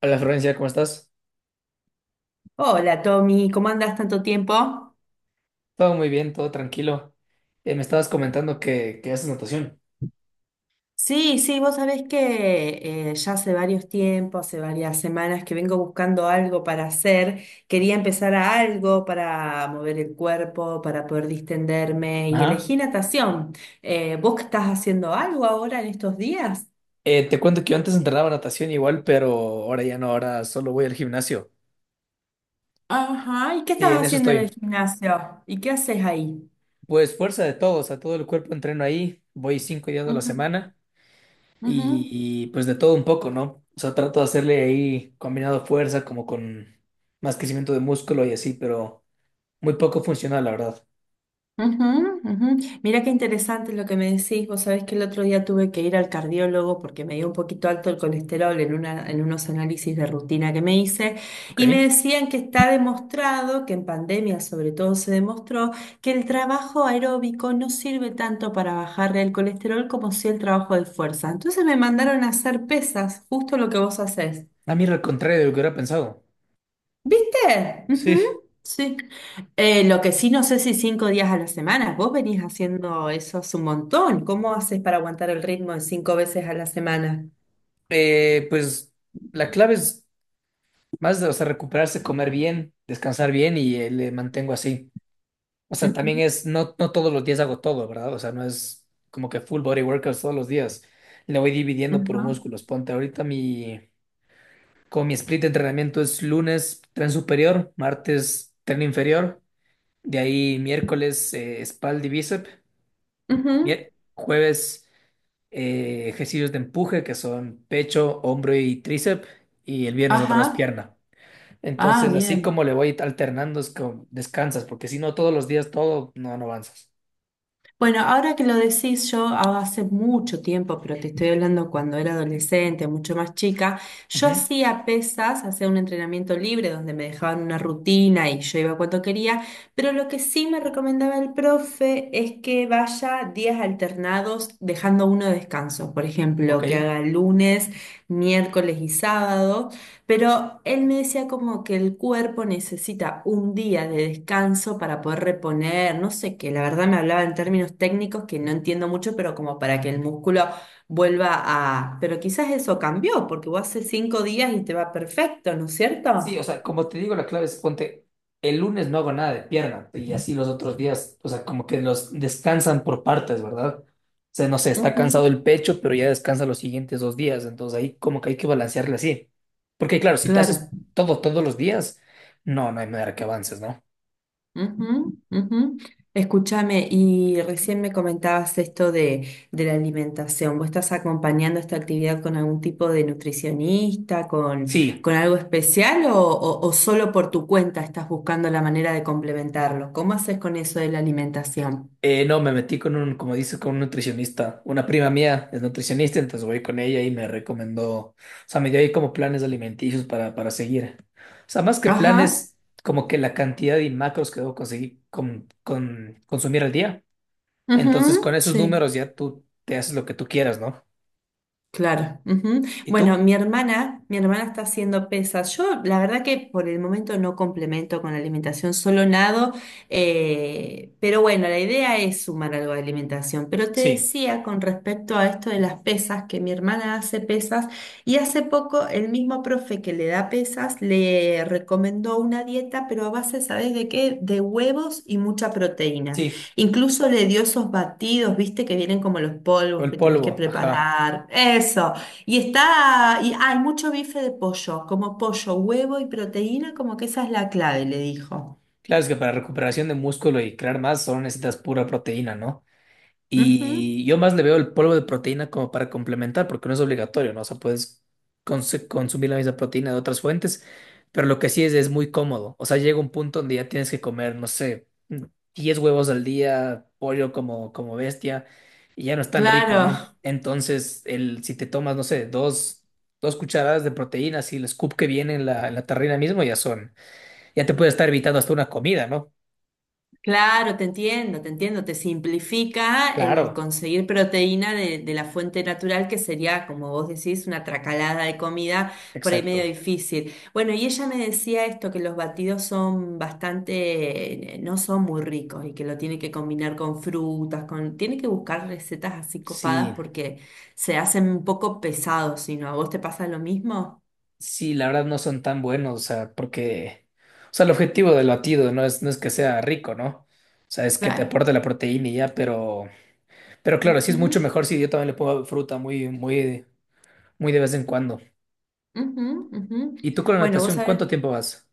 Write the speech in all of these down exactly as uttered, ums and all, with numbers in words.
Hola Florencia, ¿cómo estás? Hola Tommy, ¿cómo andas tanto tiempo? Todo muy bien, todo tranquilo. Eh, me estabas comentando que, que haces natación. Sí, sí, vos sabés que eh, ya hace varios tiempos, hace varias semanas que vengo buscando algo para hacer. Quería empezar a algo para mover el cuerpo, para poder distenderme y Ajá. elegí natación. Eh, ¿vos que estás haciendo algo ahora en estos días? Eh, te cuento que yo antes entrenaba natación igual, pero ahora ya no, ahora solo voy al gimnasio. Ajá, ¿y qué Sí, estás en eso haciendo en el estoy. gimnasio? ¿Y qué haces ahí? Pues fuerza de todo, o sea, todo el cuerpo entreno ahí, voy cinco días a la Ujú, semana y, ujú. y, pues de todo un poco, ¿no? O sea, trato de hacerle ahí combinado fuerza como con más crecimiento de músculo y así, pero muy poco funcional, la verdad. Ujú, ujú. Mira qué interesante lo que me decís. Vos sabés que el otro día tuve que ir al cardiólogo porque me dio un poquito alto el colesterol en una, en unos análisis de rutina que me hice y me Ok. decían que está demostrado, que en pandemia sobre todo se demostró, que el trabajo aeróbico no sirve tanto para bajar el colesterol como si el trabajo de fuerza. Entonces me mandaron a hacer pesas, justo lo que vos hacés, A mí era al contrario de lo que hubiera pensado. viste. Ujú. Sí. Sí. Eh, lo que sí no sé si cinco días a la semana. Vos venís haciendo eso hace un montón. ¿Cómo haces para aguantar el ritmo de cinco veces a la semana? Eh, pues la clave es más de, o sea, recuperarse, comer bien, descansar bien y eh, le mantengo así. O sea, Ujú, también es, no, no todos los días hago todo, ¿verdad? O sea, no es como que full body workouts todos los días. Le voy dividiendo por ujú, músculos. Ponte ahorita mi, como mi split de entrenamiento es lunes tren superior, martes tren inferior, de ahí miércoles eh, espalda y bíceps. ujú. Mier- Jueves, eh, ejercicios de empuje que son pecho, hombro y tríceps. Y el viernes otra vez Ajá. pierna. Ah, Entonces, así bien. como le voy alternando, es como descansas, porque si no, todos los días todo, no, no avanzas. Bueno, ahora que lo decís yo, ah, hace mucho tiempo, pero te estoy hablando cuando era adolescente, mucho más chica, yo Ujú, hacía pesas, hacía un entrenamiento libre donde me dejaban una rutina y yo iba cuando quería, pero lo que sí me recomendaba el profe es que vaya días alternados dejando uno de descanso, por Ok. ejemplo, que haga lunes, miércoles y sábado. Pero él me decía como que el cuerpo necesita un día de descanso para poder reponer, no sé qué, la verdad me hablaba en términos técnicos que no entiendo mucho, pero como para que el músculo vuelva a... Pero quizás eso cambió, porque vos hace cinco días y te va perfecto, ¿no es Sí, o cierto? sea, como te digo, la clave es ponte, el lunes no hago nada de pierna y así los otros días, o sea, como que los descansan por partes, ¿verdad? O sea, no sé, está Ujú. cansado el pecho, pero ya descansa los siguientes dos días, entonces ahí como que hay que balancearle así. Porque claro, si te Claro. haces todo todos los días, no, no hay manera que avances, ¿no? Ujú, ujú. Escúchame, y recién me comentabas esto de, de la alimentación. ¿Vos estás acompañando esta actividad con algún tipo de nutricionista, con, Sí. con algo especial o, o- o solo por tu cuenta estás buscando la manera de complementarlo? ¿Cómo haces con eso de la alimentación? Eh, no, Me metí con un, como dices, con un nutricionista. Una prima mía es nutricionista, entonces voy con ella y me recomendó, o sea, me dio ahí como planes alimenticios para, para seguir. O sea, más que Ajá, planes, como que la cantidad de macros que debo conseguir con, con consumir al día. Entonces, con ujú, esos sí. números ya tú te haces lo que tú quieras, ¿no? Claro. Ujú. ¿Y Bueno, tú? mi hermana, mi hermana está haciendo pesas. Yo, la verdad que por el momento no complemento con la alimentación, solo nado, eh, pero bueno, la idea es sumar algo de alimentación. Pero te Sí, decía con respecto a esto de las pesas, que mi hermana hace pesas y hace poco el mismo profe que le da pesas le recomendó una dieta, pero a base, ¿sabes de qué? De huevos y mucha proteína. sí. Incluso le dio esos batidos, viste, que vienen como los O polvos el que tenés que polvo, ajá. preparar. Eso. Y está, y ah, hay mucho bife de pollo, como pollo, huevo y proteína, como que esa es la clave, le dijo. Claro, es que para recuperación de músculo y crear más solo necesitas pura proteína, ¿no? Ujú. Y yo más le veo el polvo de proteína como para complementar, porque no es obligatorio, ¿no? O sea, puedes cons- consumir la misma proteína de otras fuentes, pero lo que sí es, es muy cómodo. O sea, llega un punto donde ya tienes que comer, no sé, diez huevos al día, pollo como, como bestia, y ya no es tan rico, Claro. ¿no? Entonces, el, si te tomas, no sé, dos, dos cucharadas de proteína, si el scoop que viene en la, en la tarrina mismo, ya son, ya te puede estar evitando hasta una comida, ¿no? Claro, te entiendo, te entiendo, te simplifica el Claro, conseguir proteína de, de la fuente natural, que sería, como vos decís, una tracalada de comida por ahí medio exacto. difícil. Bueno, y ella me decía esto, que los batidos son bastante, eh, no son muy ricos y que lo tiene que combinar con frutas, con, tiene que buscar recetas así copadas Sí. porque se hacen un poco pesados, si no, ¿a vos te pasa lo mismo? Sí, la verdad no son tan buenos, o sea, porque, o sea, el objetivo del batido no es, no es que sea rico, ¿no? O sea, es que te Claro. aporte la proteína y ya, pero, pero claro, sí es mucho Ujú, mejor si yo también le pongo fruta muy, muy, muy de vez en cuando. ujú, ujú. ¿Y tú con la Bueno, vos natación, sabés. cuánto tiempo vas?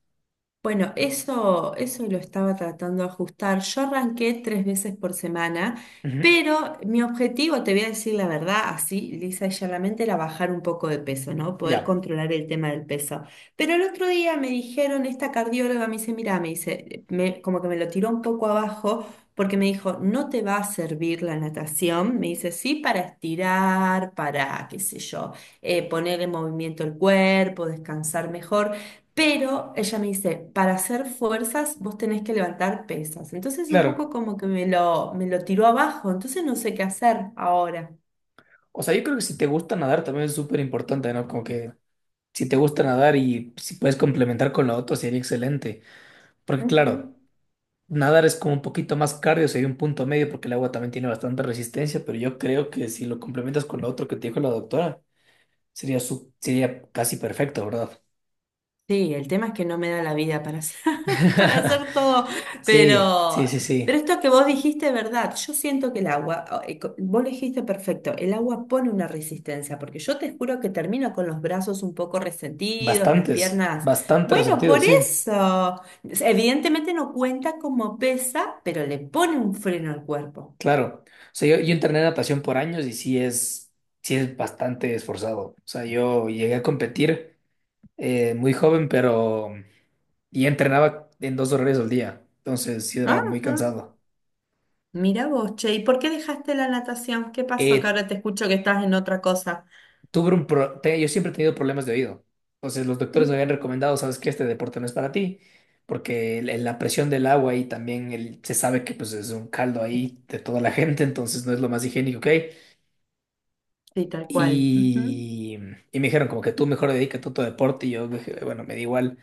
Bueno, eso, eso lo estaba tratando de ajustar. Yo arranqué tres veces por semana, Ujú, pero mi objetivo, te voy a decir la verdad, así lisa y llanamente, era bajar un poco de peso, ¿no? Poder Ya, controlar el tema del peso. Pero el otro día me dijeron, esta cardióloga me dice, mira, me dice, me- como que me lo tiró un poco abajo, porque me dijo, no te va a servir la natación. Me dice, sí, para estirar, para, qué sé yo, eh, poner en movimiento el cuerpo, descansar mejor. Pero ella me dice, para hacer fuerzas vos tenés que levantar pesas. Entonces un poco claro. como que me lo, me lo tiró abajo, entonces no sé qué hacer ahora. O sea, yo creo que si te gusta nadar también es súper importante, ¿no? Como que si te gusta nadar y si puedes complementar con lo otro sería excelente. Porque claro. Ujú. Nadar es como un poquito más cardio, sería un punto medio porque el agua también tiene bastante resistencia, pero yo creo que si lo complementas con lo otro que te dijo la doctora, sería, su- sería casi perfecto, ¿verdad? Sí, el tema es que no me da la vida para hacer, para hacer todo, Sí, sí, sí, pero, pero sí. esto que vos dijiste es verdad. Yo siento que el agua, o- eh, co- vos lo dijiste perfecto, el agua pone una resistencia, porque yo te juro que termino con los brazos un poco resentidos, las Bastantes, piernas. bastante Bueno, resentido, por sí, eso. Es- Evidentemente no cuenta como pesa, pero le pone un freno al cuerpo. claro. O sea, yo, yo entrené natación por años y sí es, sí es bastante esforzado. O sea, yo llegué a competir eh, muy joven, pero... Y entrenaba en dos horarios al día, entonces sí era muy Ajá. cansado. Mira vos, che, ¿y por qué dejaste la natación? ¿Qué pasó? Que Eh, ahora te escucho que estás en otra cosa. tuve un pro- te- Yo siempre he tenido problemas de oído. Entonces los doctores me habían Ujú. recomendado, sabes que este deporte no es para ti, porque el- la presión del agua y también el- se sabe que pues es un caldo ahí de toda la gente, entonces no es lo más higiénico que hay. Sí, tal cual. Ujú. Y, y me dijeron como que tú mejor dedícate a tu deporte y yo dije, bueno, me da igual.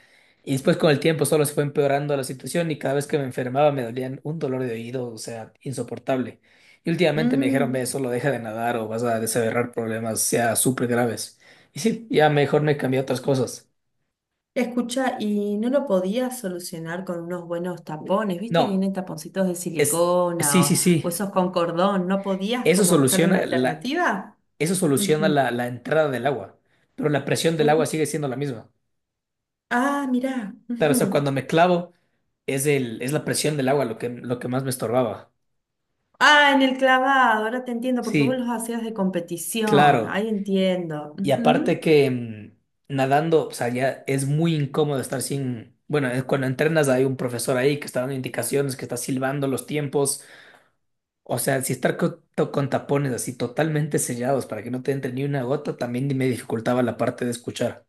Y después con el tiempo solo se fue empeorando la situación y cada vez que me enfermaba me dolían un dolor de oído, o sea, insoportable. Y últimamente me dijeron, ve, Mm, solo deja de nadar o vas a desaverrar problemas, sea súper graves. Y sí, ya mejor me cambié a otras cosas. escucha, y no lo podías solucionar con unos buenos tapones, viste que No, vienen taponcitos de es, sí, silicona sí, o, o sí. esos con cordón, ¿no podías Eso como buscar una soluciona la, alternativa? eso soluciona Ujú, la, la entrada del agua, pero la presión del agua ujú. sigue siendo la misma. Ah, mirá. Claro, o sea, Ujú. cuando me clavo, es el, es la presión del agua lo que, lo que más me estorbaba. Ah, en el clavado, ahora te entiendo, porque vos Sí, los hacías de competición, claro. ahí entiendo. Y aparte Ujú. que mm, nadando, o sea, ya es muy incómodo estar sin. Bueno, eh, cuando entrenas hay un profesor ahí que está dando indicaciones, que está silbando los tiempos. O sea, si estar co- to- con, tapones así totalmente sellados para que no te entre ni una gota, también me dificultaba la parte de escuchar.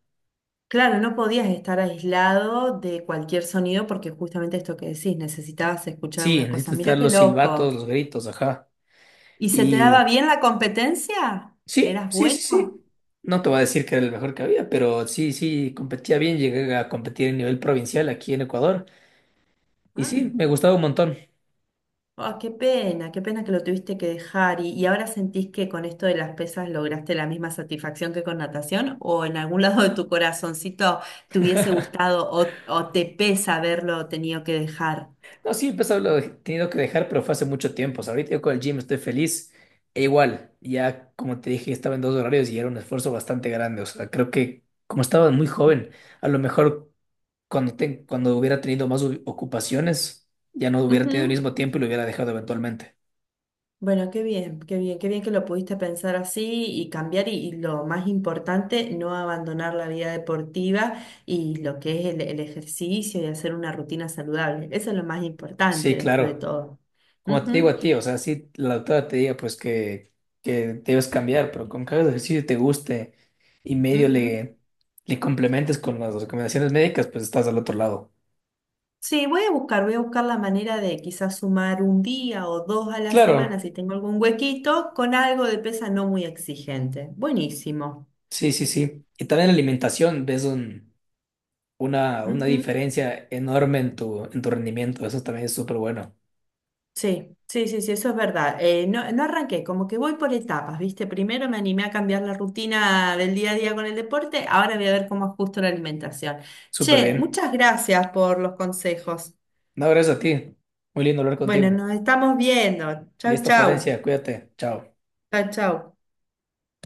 Claro, no podías estar aislado de cualquier sonido porque justamente esto que decís, necesitabas escuchar Sí, algunas necesitas cosas. Mira estar qué los silbatos, loco. los gritos, ajá. ¿Y se te y daba bien la competencia? Sí, ¿Eras sí, sí, bueno? sí. No te voy a decir que era el mejor que había, pero sí, sí, competía bien. Llegué a competir en nivel provincial aquí en Ecuador. Y Ah, sí, me gustaba un montón. ah, qué pena, qué pena que lo tuviste que dejar. ¿Y, y ahora sentís que con esto de las pesas lograste la misma satisfacción que con natación? ¿O en algún lado de tu corazoncito te hubiese gustado o, o te pesa haberlo tenido que dejar? No, sí, empezó, lo he tenido que dejar, pero fue hace mucho tiempo. O sea, ahorita yo con el gym estoy feliz. E igual, ya como te dije, estaba en dos horarios y era un esfuerzo bastante grande. O sea, creo que como estaba muy joven, a lo mejor cuando, te- cuando hubiera tenido más u- ocupaciones, ya no hubiera tenido el Ujú. mismo tiempo y lo hubiera dejado eventualmente. Bueno, qué bien, qué bien, qué bien que lo pudiste pensar así y cambiar y, y lo más importante, no abandonar la vida deportiva y lo que es el, el ejercicio y hacer una rutina saludable. Eso es lo más importante Sí, después de claro. todo. Como te digo Ujú, a ti, o sea, si la doctora te diga pues que, que debes cambiar, pero con que hagas ejercicio y te guste y medio ujú. le, le complementes con las recomendaciones médicas, pues estás al otro lado. Sí, voy a buscar, voy a buscar la manera de quizás sumar un día o dos a la semana Claro, si tengo algún huequito con algo de pesa no muy exigente. Buenísimo. sí, sí, sí. Y también la alimentación, ves un- una, una Ujú. diferencia enorme en tu, en tu rendimiento. Eso también es súper bueno. Sí, sí, sí, sí, eso es verdad. Eh, no, no arranqué, como que voy por etapas, ¿viste? Primero me animé a cambiar la rutina del día a día con el deporte, ahora voy a ver cómo ajusto la alimentación. Súper Che, bien. muchas gracias por los consejos. No, gracias a ti. Muy lindo hablar Bueno, contigo. nos estamos viendo. Chau, Listo, chau. Florencia, cuídate. Chao. Chau, chau.